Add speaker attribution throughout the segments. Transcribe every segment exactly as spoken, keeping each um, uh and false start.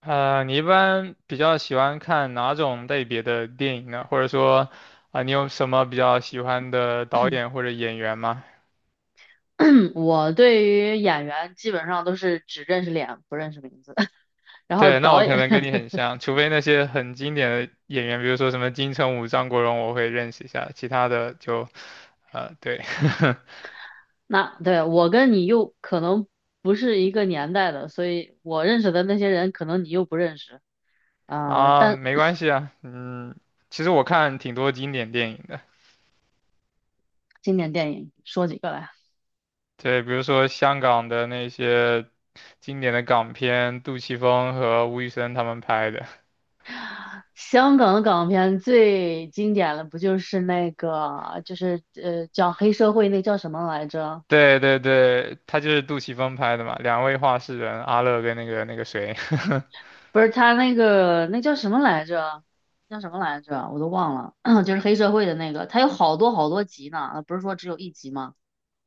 Speaker 1: 呃，你一般比较喜欢看哪种类别的电影呢？或者说，啊、你有什么比较喜欢的导演或者演员吗？
Speaker 2: 我对于演员基本上都是只认识脸，不认识名字。然后
Speaker 1: 对，那
Speaker 2: 导
Speaker 1: 我可
Speaker 2: 演，
Speaker 1: 能跟你很 像，除非那些很经典的演员，比如说什么金城武、张国荣，我会认识一下，其他的就，呃，对，
Speaker 2: 那对我跟你又可能不是一个年代的，所以我认识的那些人，可能你又不认识。 啊、呃
Speaker 1: 啊，
Speaker 2: 但
Speaker 1: 没关系啊，嗯，其实我看挺多经典电影的，
Speaker 2: 经典电影说几个来？
Speaker 1: 对，比如说香港的那些经典的港片，杜琪峰和吴宇森他们拍的。
Speaker 2: 香港的港片最经典的不就是那个，就是呃，讲黑社会那叫什么来着？
Speaker 1: 对对对，他就是杜琪峰拍的嘛，两位画室人，阿乐跟那个那个谁，
Speaker 2: 不是他那个那叫什么来着？叫什么来着？我都忘了，就是黑社会的那个，他有好多好多集呢，呃不是说只有一集吗？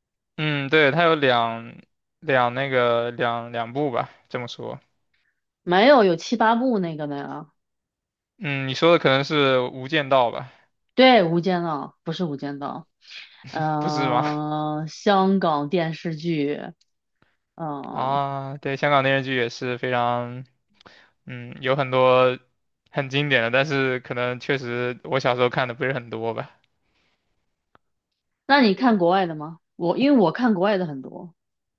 Speaker 1: 嗯，对，他有两两那个两两部吧，这么说，
Speaker 2: 没有，有七八部那个的呀。
Speaker 1: 嗯，你说的可能是《无间道》吧，
Speaker 2: 对，《无间道》不是《无间道》，
Speaker 1: 不是吗？
Speaker 2: 嗯，香港电视剧。嗯、呃
Speaker 1: 啊，对，香港电视剧也是非常，嗯，有很多很经典的，但是可能确实我小时候看的不是很多吧。
Speaker 2: 那你看国外的吗？我因为我看国外的很多，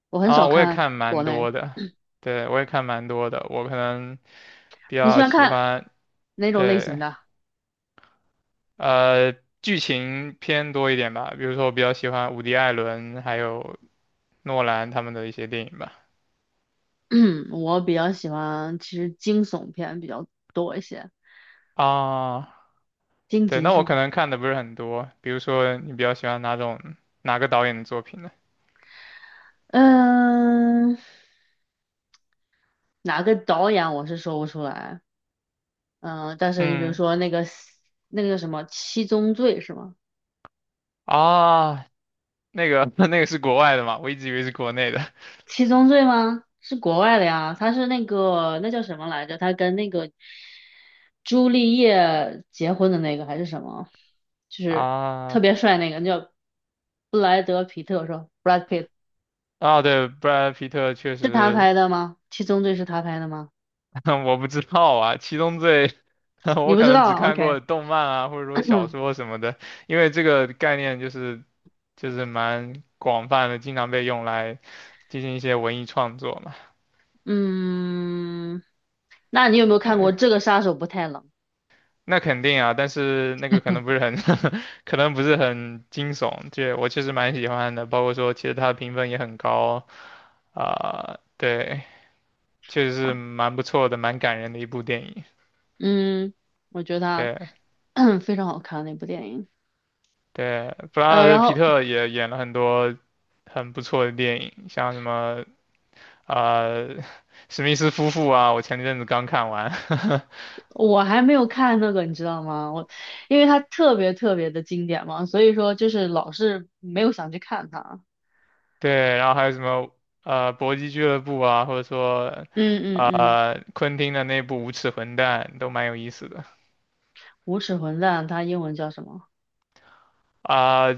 Speaker 2: 我很
Speaker 1: 啊，
Speaker 2: 少
Speaker 1: 我也
Speaker 2: 看
Speaker 1: 看蛮
Speaker 2: 国内。
Speaker 1: 多的，对，我也看蛮多的，我可能比
Speaker 2: 你喜
Speaker 1: 较
Speaker 2: 欢
Speaker 1: 喜
Speaker 2: 看
Speaker 1: 欢，
Speaker 2: 哪种类型
Speaker 1: 对。
Speaker 2: 的？
Speaker 1: 呃，剧情偏多一点吧，比如说我比较喜欢伍迪·艾伦还有诺兰他们的一些电影吧。
Speaker 2: 我比较喜欢，其实惊悚片比较多一些。
Speaker 1: 啊，
Speaker 2: 惊
Speaker 1: 对，
Speaker 2: 级
Speaker 1: 那
Speaker 2: 是
Speaker 1: 我可
Speaker 2: 吗？
Speaker 1: 能看的不是很多，比如说你比较喜欢哪种哪个导演的作品呢？
Speaker 2: 嗯，哪个导演我是说不出来。嗯，但是你比如
Speaker 1: 嗯，
Speaker 2: 说那个那个什么《七宗罪》是吗？
Speaker 1: 啊，那个 那个是国外的嘛，我一直以为是国内的。
Speaker 2: 《七宗罪》吗？是国外的呀，他是那个那叫什么来着？他跟那个朱丽叶结婚的那个还是什么？就是特
Speaker 1: 啊，
Speaker 2: 别帅那个，叫布莱德皮特是吧？Brad Pitt
Speaker 1: 啊，对，布莱德·皮特确
Speaker 2: 是他
Speaker 1: 实
Speaker 2: 拍的吗？《七宗罪》是他拍的吗？
Speaker 1: 我不知道啊，《七宗罪》
Speaker 2: 你
Speaker 1: 我
Speaker 2: 不
Speaker 1: 可
Speaker 2: 知
Speaker 1: 能
Speaker 2: 道
Speaker 1: 只
Speaker 2: 啊
Speaker 1: 看
Speaker 2: ？OK。
Speaker 1: 过动漫啊，或者 说小 说什么的，因为这个概念就是就是蛮广泛的，经常被用来进行一些文艺创作嘛。
Speaker 2: 嗯，那你有没有看
Speaker 1: 对，
Speaker 2: 过《这个杀手不太冷》？
Speaker 1: 那肯定啊，但是那个可能不是很 可能不是很惊悚，这我确实蛮喜欢的，包括说其实它的评分也很高啊，对，确实是蛮不错的，蛮感人的一部电影。
Speaker 2: 嗯，我觉得
Speaker 1: 对
Speaker 2: 它 非常好看那部电影。
Speaker 1: 对，布拉
Speaker 2: 呃，
Speaker 1: 德
Speaker 2: 然
Speaker 1: 皮
Speaker 2: 后
Speaker 1: 特也演了很多。很不错的电影，像什么呃史密斯夫妇啊，我前阵子刚看完，
Speaker 2: 我还没有看那个，你知道吗？我因为它特别特别的经典嘛，所以说就是老是没有想去看它。
Speaker 1: 对，然后还有什么呃搏击俱乐部啊，或者说
Speaker 2: 嗯嗯嗯，
Speaker 1: 呃昆汀的那部《无耻混蛋》都蛮有意思的
Speaker 2: 无耻混蛋，它英文叫什么
Speaker 1: 啊、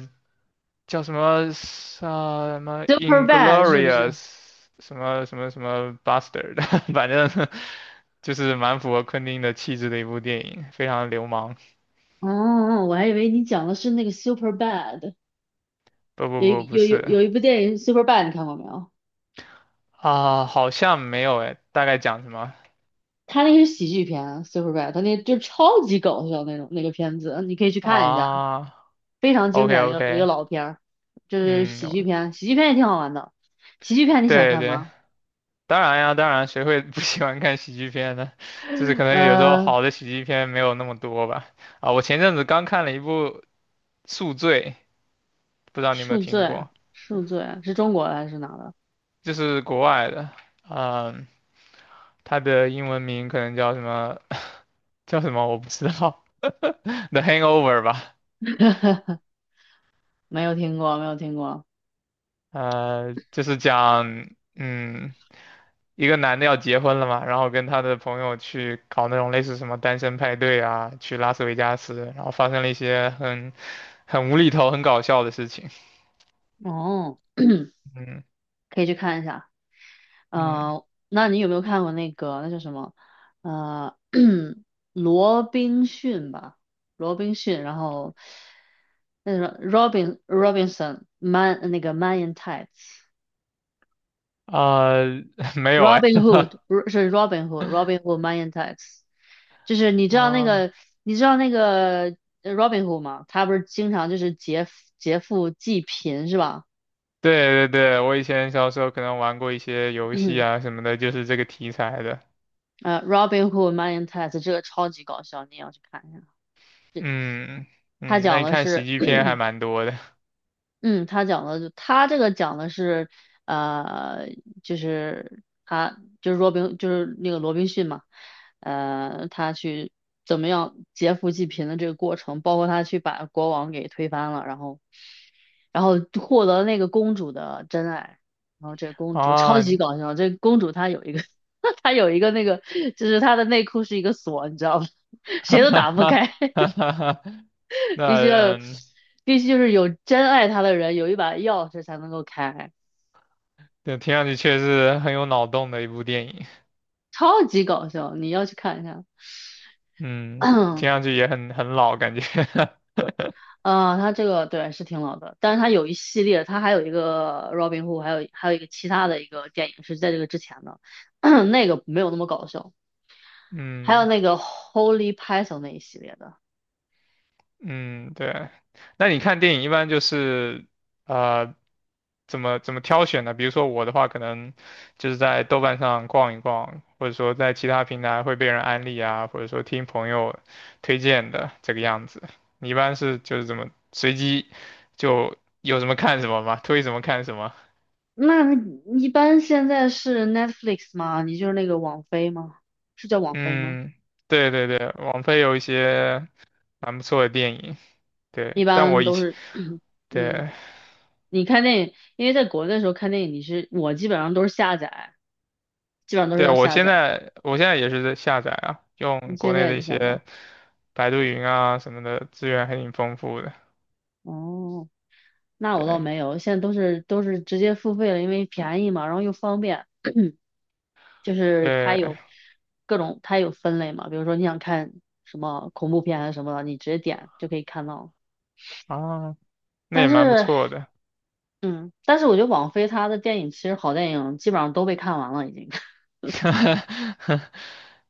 Speaker 1: 叫什么呃什么
Speaker 2: ？Super Bad 是不是？
Speaker 1: Inglorious 什么什么什么 Bastard，反正就是蛮符合昆汀的气质的一部电影，非常流氓。
Speaker 2: 哦，我还以为你讲的是那个 Super Bad，
Speaker 1: 不不
Speaker 2: 有
Speaker 1: 不，
Speaker 2: 一
Speaker 1: 不
Speaker 2: 有有
Speaker 1: 是
Speaker 2: 有一部电影 Super Bad，你看过没有？
Speaker 1: 啊、好像没有诶，大概讲什么？
Speaker 2: 他那个是喜剧片，Super Bad，他那就超级搞笑那种那个片子，你可以去看一下，
Speaker 1: 啊
Speaker 2: 非常经
Speaker 1: ，OK
Speaker 2: 典的一个一个
Speaker 1: OK，
Speaker 2: 老片儿，就是
Speaker 1: 嗯，
Speaker 2: 喜剧片，喜剧片也挺好玩的。喜剧片你喜欢
Speaker 1: 对
Speaker 2: 看
Speaker 1: 对，
Speaker 2: 吗？
Speaker 1: 当然呀，当然，谁会不喜欢看喜剧片呢？就是可能有时候
Speaker 2: 呃，
Speaker 1: 好的喜剧片没有那么多吧。啊，我前阵子刚看了一部《宿醉》，不知道你有没有
Speaker 2: 恕
Speaker 1: 听
Speaker 2: 罪，
Speaker 1: 过，
Speaker 2: 恕罪是中国的还是哪的？
Speaker 1: 就是国外的，嗯，它的英文名可能叫什么 叫什么我不知道，《The Hangover》吧，
Speaker 2: 没有听过，没有听过。
Speaker 1: 呃，就是讲，嗯。一个男的要结婚了嘛，然后跟他的朋友去搞那种类似什么单身派对啊，去拉斯维加斯，然后发生了一些很很无厘头、很搞笑的事情。
Speaker 2: 哦，
Speaker 1: 嗯
Speaker 2: 可以去看一下。
Speaker 1: 嗯
Speaker 2: 呃，那你有没有看过那个那叫什么？呃，罗宾逊吧，罗宾逊，然后那什么 Robin Robinson Man 那个 Man in Tights，Robin
Speaker 1: 啊、没有哎
Speaker 2: Hood 不是是 Robin Hood，Robin Hood Man in Tights，就是你知 道那
Speaker 1: 啊，
Speaker 2: 个你知道那个呃 Robin Hood 吗？他不是经常就是劫劫富济贫是吧？
Speaker 1: 对对对，我以前小时候可能玩过一些游戏
Speaker 2: 嗯，
Speaker 1: 啊什么的，就是这个题材的。
Speaker 2: 呃，Robin Hood Man in Tights 这个超级搞笑，你也要去看一下。
Speaker 1: 嗯
Speaker 2: 他
Speaker 1: 嗯，那
Speaker 2: 讲
Speaker 1: 你
Speaker 2: 的
Speaker 1: 看喜
Speaker 2: 是。
Speaker 1: 剧片还蛮多的
Speaker 2: 嗯，他讲的就他这个讲的是，呃，就是他就是罗宾就是那个罗宾逊嘛，呃，他去怎么样劫富济贫的这个过程，包括他去把国王给推翻了，然后然后获得那个公主的真爱，然后这公主超
Speaker 1: 啊，
Speaker 2: 级搞笑，这公主她有一个 她有一个那个就是她的内裤是一个锁，你知道吗？
Speaker 1: 哈
Speaker 2: 谁都
Speaker 1: 哈
Speaker 2: 打不
Speaker 1: 哈
Speaker 2: 开。
Speaker 1: 哈哈哈。那
Speaker 2: 必须要有，
Speaker 1: 嗯，
Speaker 2: 必须就是有真爱他的人有一把钥匙才能够开，
Speaker 1: 对，听上去确实很有脑洞的一部电影，
Speaker 2: 超级搞笑，你要去看一下。
Speaker 1: 嗯，听上 去也很很老感觉，
Speaker 2: 啊、他这个对是挺老的，但是他有一系列，他还有一个 Robin Hood，还有还有一个其他的一个电影是在这个之前的，那个没有那么搞笑。还有
Speaker 1: 嗯
Speaker 2: 那个 Holy Python 那一系列的，
Speaker 1: 嗯，对。那你看电影一般就是呃怎么怎么挑选呢？比如说我的话，可能就是在豆瓣上逛一逛，或者说在其他平台会被人安利啊，或者说听朋友推荐的这个样子。你一般是就是怎么随机就有什么看什么吗？推什么看什么？
Speaker 2: 那一般现在是 Netflix 吗？你就是那个网飞吗？是叫网飞吗？
Speaker 1: 嗯，对对对，网飞有一些。蛮不错的电影。对，
Speaker 2: 一
Speaker 1: 但我
Speaker 2: 般
Speaker 1: 以
Speaker 2: 都
Speaker 1: 前，
Speaker 2: 是，嗯，
Speaker 1: 对，
Speaker 2: 你看电影，因为在国内的时候看电影，你是我基本上都是下载，基本上都是
Speaker 1: 对，
Speaker 2: 要
Speaker 1: 我
Speaker 2: 下
Speaker 1: 现
Speaker 2: 载。
Speaker 1: 在，我现在也是在下载啊，用
Speaker 2: 你
Speaker 1: 国
Speaker 2: 现在
Speaker 1: 内
Speaker 2: 也
Speaker 1: 的一
Speaker 2: 得下载？
Speaker 1: 些百度云啊什么的资源还挺丰富的。
Speaker 2: 哦，那我倒
Speaker 1: 对，
Speaker 2: 没有，现在都是都是直接付费了，因为便宜嘛，然后又方便。就是它
Speaker 1: 对，
Speaker 2: 有各种，它有分类嘛，比如说你想看什么恐怖片还是什么的，你直接点就可以看到。
Speaker 1: 啊，那也
Speaker 2: 但
Speaker 1: 蛮不
Speaker 2: 是，
Speaker 1: 错的。
Speaker 2: 嗯，但是我觉得网飞它的电影其实好电影基本上都被看完了，已经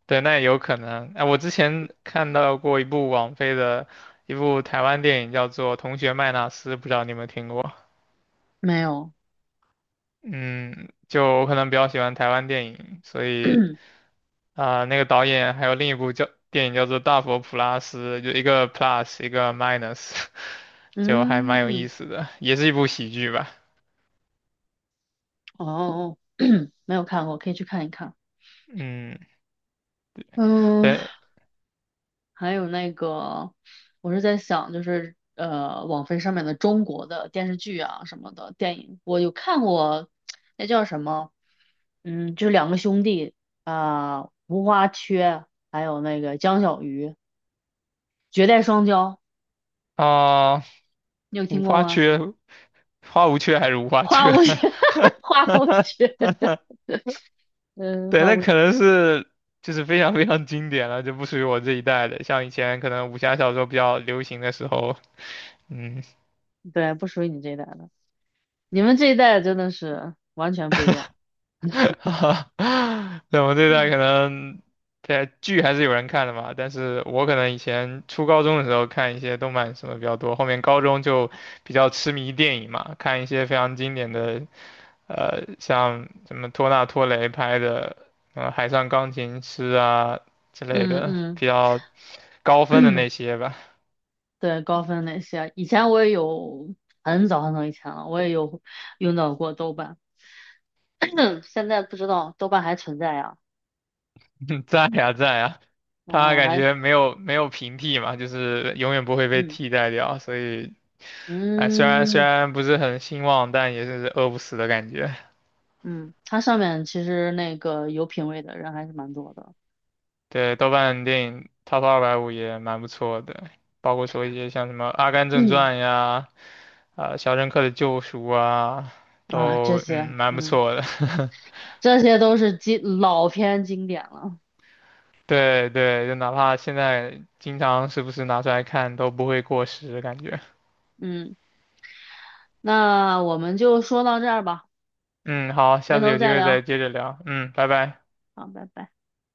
Speaker 1: 对，那也有可能。哎、我之前看到过一部网飞的一部台湾电影，叫做《同学麦纳斯》，不知道你有没有听过？
Speaker 2: 没有。
Speaker 1: 嗯，就我可能比较喜欢台湾电影，所以 啊、那个导演还有另一部叫电影叫做《大佛普拉斯》，就一个 plus 一个 minus，就还蛮有
Speaker 2: 嗯，
Speaker 1: 意思的，也是一部喜剧吧。
Speaker 2: 哦，没有看过，可以去看一看。
Speaker 1: 嗯，
Speaker 2: 嗯，
Speaker 1: 对
Speaker 2: 还有那个，我是在想，就是呃，网飞上面的中国的电视剧啊什么的电影，我有看过，那叫什么？嗯，就两个兄弟啊，无花缺，还有那个江小鱼，绝代双骄，
Speaker 1: 啊、
Speaker 2: 你有
Speaker 1: 无
Speaker 2: 听过
Speaker 1: 花
Speaker 2: 吗？
Speaker 1: 缺，花无缺还是无花
Speaker 2: 花
Speaker 1: 缺？
Speaker 2: 无缺，花无缺，嗯，
Speaker 1: 对，
Speaker 2: 花
Speaker 1: 那
Speaker 2: 无缺，
Speaker 1: 可能是就是非常非常经典了，就不属于我这一代的。像以前可能武侠小说比较流行的时候，嗯，
Speaker 2: 对，不属于你这一代的，你们这一代真的是完全不一样。
Speaker 1: 哈哈，对，我这代可能对剧还是有人看的嘛，但是我可能以前初高中的时候看一些动漫什么比较多，后面高中就比较痴迷电影嘛，看一些非常经典的，呃，像什么托纳托雷拍的，呃，《海上钢琴师》啊之类
Speaker 2: 嗯
Speaker 1: 的，
Speaker 2: 嗯。
Speaker 1: 比较高分的 那些吧，
Speaker 2: 对，高分那些，以前我也有，很早很早以前了，我也有用到过豆瓣，现在不知道豆瓣还存在呀。
Speaker 1: 在呀在呀，他
Speaker 2: 哦，
Speaker 1: 感
Speaker 2: 还，
Speaker 1: 觉没有没有平替嘛，就是永远不会被
Speaker 2: 嗯
Speaker 1: 替代掉，所以。哎，虽然虽
Speaker 2: 嗯
Speaker 1: 然不是很兴旺，但也是饿不死的感觉。
Speaker 2: 嗯，它上面其实那个有品位的人还是蛮多的。
Speaker 1: 对，豆瓣电影 Top 二百五也蛮不错的，包括说一些像什么《阿甘 正
Speaker 2: 嗯
Speaker 1: 传》呀，啊、肖申克的救赎》啊，
Speaker 2: 啊，这
Speaker 1: 都嗯
Speaker 2: 些，
Speaker 1: 蛮不
Speaker 2: 嗯，
Speaker 1: 错的。
Speaker 2: 这些都是经老片经典了。
Speaker 1: 对对，就哪怕现在经常时不时拿出来看，都不会过时，感觉。
Speaker 2: 嗯，那我们就说到这儿吧，
Speaker 1: 嗯，好，下
Speaker 2: 回
Speaker 1: 次
Speaker 2: 头
Speaker 1: 有机
Speaker 2: 再
Speaker 1: 会再
Speaker 2: 聊。
Speaker 1: 接着聊。嗯，拜拜。
Speaker 2: 好，拜拜。